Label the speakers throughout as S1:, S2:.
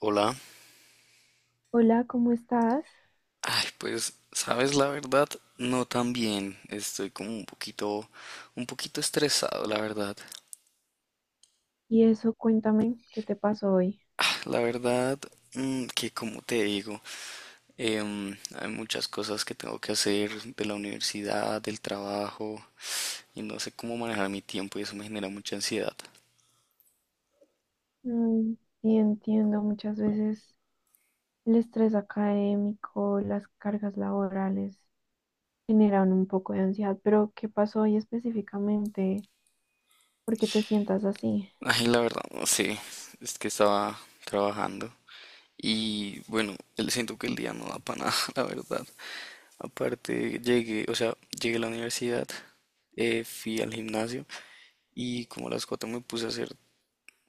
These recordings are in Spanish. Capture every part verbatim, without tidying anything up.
S1: Hola.
S2: Hola, ¿cómo estás?
S1: Ay, pues, sabes la verdad, no tan bien. Estoy como un poquito, un poquito estresado, la verdad.
S2: Y eso, cuéntame, ¿qué te pasó hoy?
S1: La verdad, mm, que como te digo, em, hay muchas cosas que tengo que hacer de la universidad, del trabajo, y no sé cómo manejar mi tiempo y eso me genera mucha ansiedad.
S2: Mm, sí, entiendo, muchas veces el estrés académico, las cargas laborales generan un poco de ansiedad, pero ¿qué pasó hoy específicamente? ¿Por qué te sientas así?
S1: Ay, la verdad, no sé, es que estaba trabajando y bueno, el- siento que el día no da para nada, la verdad. Aparte, llegué, o sea, llegué a la universidad, eh, fui al gimnasio y como a las cuatro me puse a hacer,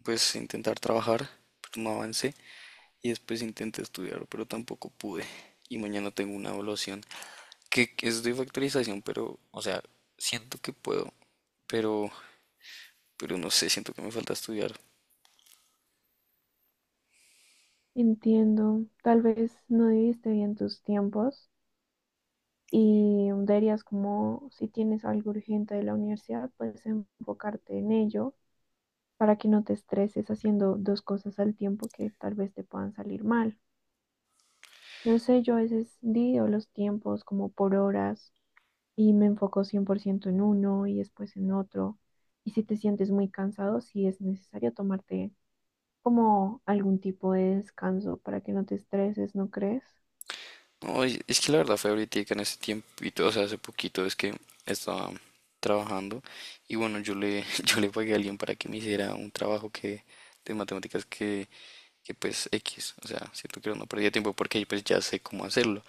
S1: pues intentar trabajar, pero no avancé y después intenté estudiar, pero tampoco pude. Y mañana tengo una evaluación que que es de factorización, pero, o sea, siento que puedo, pero, pero no sé, siento que me falta estudiar.
S2: Entiendo, tal vez no dividiste bien tus tiempos y deberías como, si tienes algo urgente de la universidad, pues enfocarte en ello para que no te estreses haciendo dos cosas al tiempo que tal vez te puedan salir mal. No sé, yo a veces divido los tiempos como por horas y me enfoco cien por ciento en uno y después en otro. Y si te sientes muy cansado, sí es necesario tomarte como algún tipo de descanso para que no te estreses, ¿no crees?
S1: No, es es que la verdad fue ahorita en ese tiempito, o sea, hace poquito es que estaba trabajando y bueno, yo le, yo le pagué a alguien para que me hiciera un trabajo que de matemáticas que, que pues X, o sea, siento que no perdía tiempo porque pues ya sé cómo hacerlo.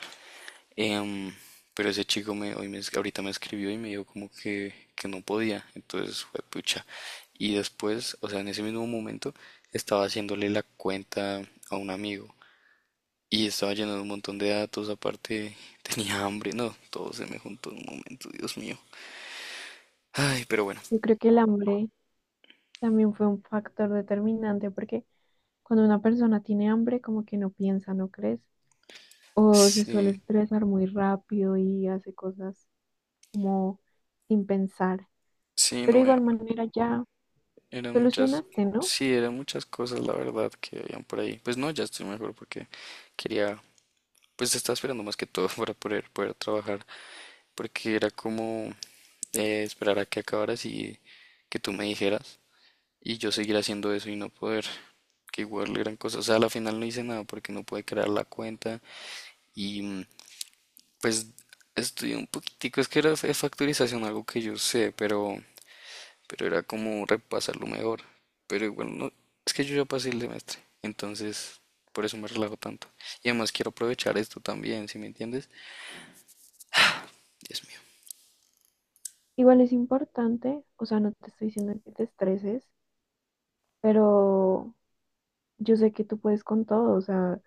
S1: Em, pero ese chico me, hoy me, es- ahorita me escribió y me dijo como que, que no podía, entonces fue pucha. Y después, o sea, en ese mismo momento estaba haciéndole la cuenta a un amigo y estaba lleno de un montón de datos, aparte tenía hambre, no, todo se me juntó en un momento, Dios mío. Ay, pero bueno,
S2: Yo creo que el hambre también fue un factor determinante porque cuando una persona tiene hambre, como que no piensa, ¿no crees? O se suele
S1: sí,
S2: estresar muy rápido y hace cosas como sin pensar.
S1: sí,
S2: Pero de
S1: no, era-
S2: igual manera ya
S1: eran muchas,
S2: solucionaste, ¿no?
S1: sí, eran muchas cosas, la verdad, que habían por ahí. Pues no, ya estoy mejor porque quería, pues estaba esperando más que todo para poder, poder trabajar, porque era como eh, esperar a que acabaras y que tú me dijeras, y yo seguir haciendo eso y no poder, que igual eran cosas, o sea, a la final no hice nada porque no pude crear la cuenta. Y mm, pues estudié un poquitico, es que era de factorización algo que yo sé, pero, pero era como repasarlo mejor. Pero igual no, es que yo ya pasé el semestre, entonces por eso me relajo tanto. Y además quiero aprovechar esto también, ¿si me entiendes? Dios mío.
S2: Igual es importante, o sea, no te estoy diciendo que te estreses, pero yo sé que tú puedes con todo, o sea,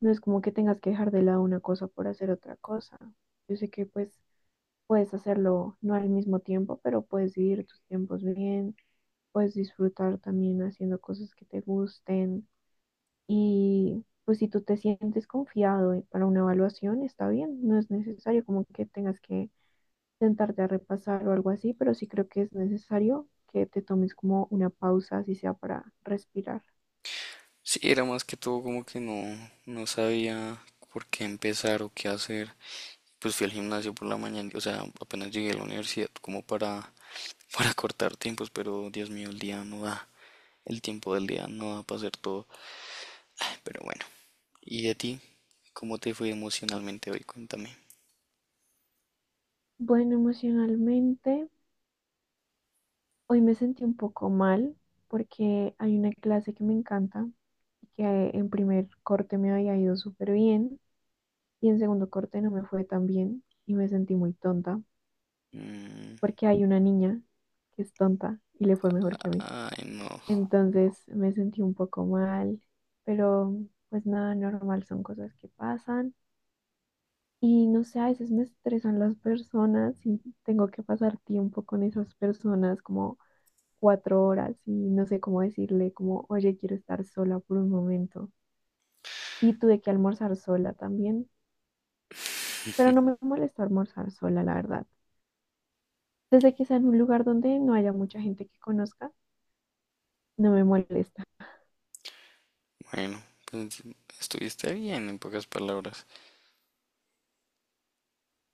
S2: no es como que tengas que dejar de lado una cosa por hacer otra cosa. Yo sé que pues puedes hacerlo no al mismo tiempo, pero puedes dividir tus tiempos bien, puedes disfrutar también haciendo cosas que te gusten. Y pues si tú te sientes confiado y para una evaluación, está bien, no es necesario como que tengas que sentarte a repasar o algo así, pero sí creo que es necesario que te tomes como una pausa, así sea para respirar.
S1: Sí, era más que todo como que no, no sabía por qué empezar o qué hacer. Pues fui al gimnasio por la mañana, o sea, apenas llegué a la universidad como para, para cortar tiempos, pero Dios mío, el día no da, el tiempo del día no da para hacer todo. Pero bueno. ¿Y a ti? ¿Cómo te fue emocionalmente hoy? Cuéntame.
S2: Bueno, emocionalmente, hoy me sentí un poco mal porque hay una clase que me encanta y que en primer corte me había ido súper bien y en segundo corte no me fue tan bien y me sentí muy tonta
S1: Mm,
S2: porque hay una niña que es tonta y le fue mejor que a mí.
S1: ay, no.
S2: Entonces me sentí un poco mal, pero pues nada, normal, son cosas que pasan. Y no sé, a veces me estresan las personas y tengo que pasar tiempo con esas personas como cuatro horas y no sé cómo decirle como, oye, quiero estar sola por un momento. Y tuve que almorzar sola también, pero no me molesta almorzar sola, la verdad. Desde que sea en un lugar donde no haya mucha gente que conozca, no me molesta.
S1: Bueno, pues estuviste bien en pocas palabras.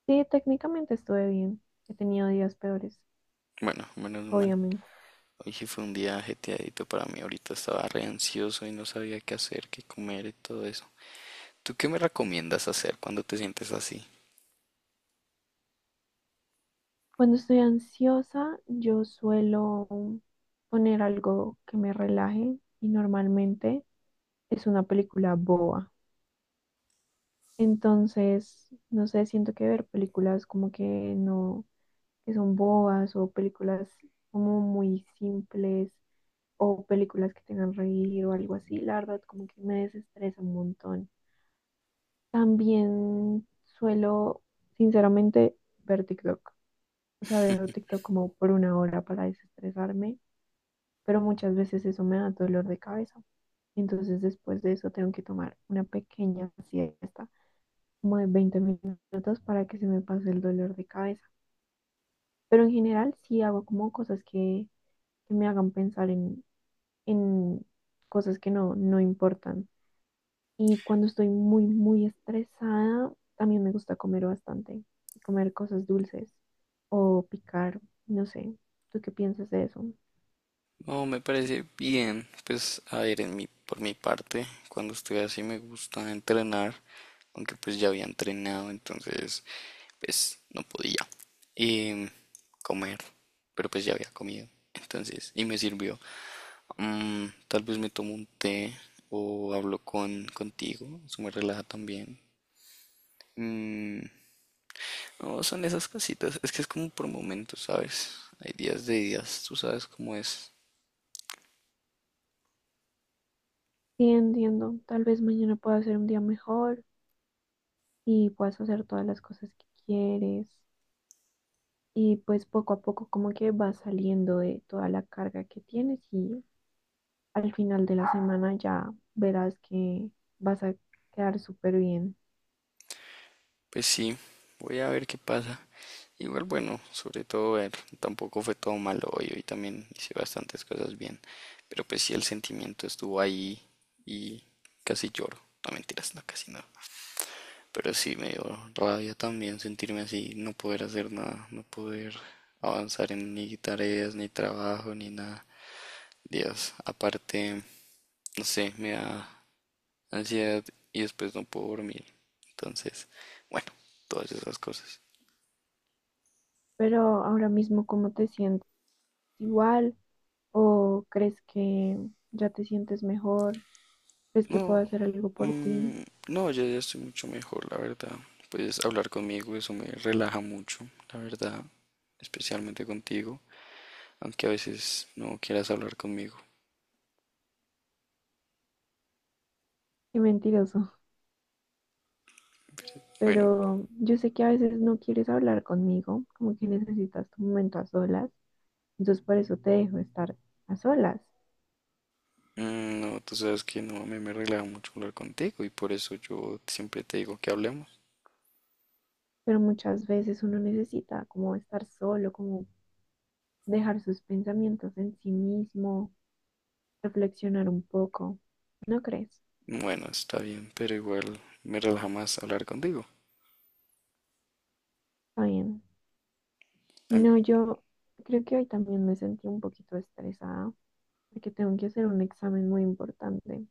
S2: Sí, técnicamente estuve bien. He tenido días peores,
S1: Bueno, menos mal.
S2: obviamente.
S1: Hoy sí fue un día ajetreadito para mí. Ahorita estaba re ansioso y no sabía qué hacer, qué comer y todo eso. ¿Tú qué me recomiendas hacer cuando te sientes así?
S2: Cuando estoy ansiosa, yo suelo poner algo que me relaje y normalmente es una película boba. Entonces, no sé, siento que ver películas como que no, que son bobas o películas como muy simples o películas que tengan reír o algo así, la verdad como que me desestresa un montón. También suelo, sinceramente, ver TikTok. O sea, veo TikTok como por una hora para desestresarme, pero muchas veces eso me da dolor de cabeza. Entonces después de eso tengo que tomar una pequeña siesta, como de veinte minutos para que se me pase el dolor de cabeza. Pero en general sí hago como cosas que, que me hagan pensar en, en cosas que no, no importan. Y cuando estoy muy, muy estresada, también me gusta comer bastante, comer cosas dulces o picar, no sé, ¿tú qué piensas de eso?
S1: No, me parece bien. Pues, a ver, en mi, por mi parte, cuando estoy así me gusta entrenar, aunque pues ya había entrenado, entonces pues no podía eh, comer, pero pues ya había comido. Entonces, y me sirvió. Mm, tal vez me tomo un té o hablo con contigo, eso me relaja también. Mm, no, son esas cositas, es que es como por momentos, ¿sabes? Hay días de días, tú sabes cómo es.
S2: Sí, entiendo, tal vez mañana pueda ser un día mejor y puedas hacer todas las cosas que quieres y pues poco a poco como que vas saliendo de toda la carga que tienes y al final de la semana ya verás que vas a quedar súper bien.
S1: Pues sí, voy a ver qué pasa. Igual bueno, sobre todo ver, tampoco fue todo malo hoy, hoy también hice bastantes cosas bien, pero pues sí el sentimiento estuvo ahí y casi lloro, no mentiras, no casi no, pero sí me dio rabia también sentirme así, no poder hacer nada, no poder avanzar en ni tareas, ni trabajo, ni nada, Dios, aparte, no sé, me da ansiedad y después no puedo dormir, entonces, bueno, todas esas cosas.
S2: Pero ahora mismo, ¿cómo te sientes? ¿Igual o crees que ya te sientes mejor? ¿Crees que puedo
S1: No,
S2: hacer algo por ti?
S1: mm, no, ya, ya estoy mucho mejor, la verdad. Puedes hablar conmigo, eso me relaja mucho, la verdad, especialmente contigo, aunque a veces no quieras hablar conmigo.
S2: Qué mentiroso.
S1: Bueno,
S2: Pero yo sé que a veces no quieres hablar conmigo, como que necesitas tu momento a solas. Entonces por eso te dejo estar a solas.
S1: mm, no, tú sabes que no, a mí me relaja mucho hablar contigo y por eso yo siempre te digo que hablemos.
S2: Pero muchas veces uno necesita como estar solo, como dejar sus pensamientos en sí mismo, reflexionar un poco, ¿no crees?
S1: Bueno, está bien, pero igual me relaja más hablar contigo.
S2: Está bien.
S1: Tan-
S2: No, yo creo que hoy también me sentí un poquito estresada porque tengo que hacer un examen muy importante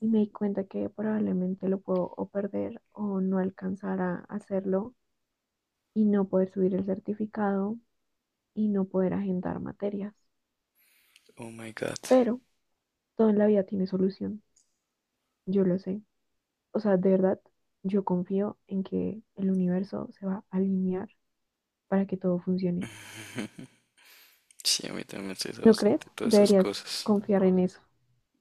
S2: y me di cuenta que probablemente lo puedo o perder o no alcanzar a hacerlo y no poder subir el certificado y no poder agendar materias.
S1: Oh my God.
S2: Pero todo en la vida tiene solución, yo lo sé. O sea, de verdad, yo confío en que el universo se va a alinear para que todo funcione.
S1: Sí, a mí también me estresa
S2: ¿No crees?
S1: bastante todas esas
S2: Deberías
S1: cosas.
S2: confiar en eso.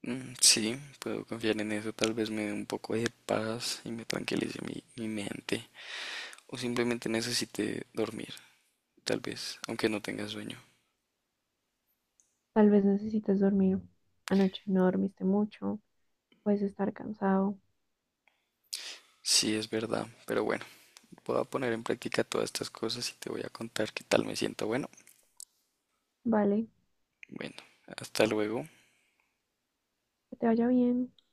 S1: Mm, Sí, puedo confiar en eso. Tal vez me dé un poco de paz y me tranquilice mi, mi mente. O simplemente necesite dormir, tal vez, aunque no tenga sueño.
S2: Tal vez necesites dormir. Anoche no dormiste mucho, puedes estar cansado.
S1: Sí, es verdad. Pero bueno, voy a poner en práctica todas estas cosas y te voy a contar qué tal me siento. Bueno,
S2: Vale,
S1: bueno, hasta luego.
S2: que te vaya bien.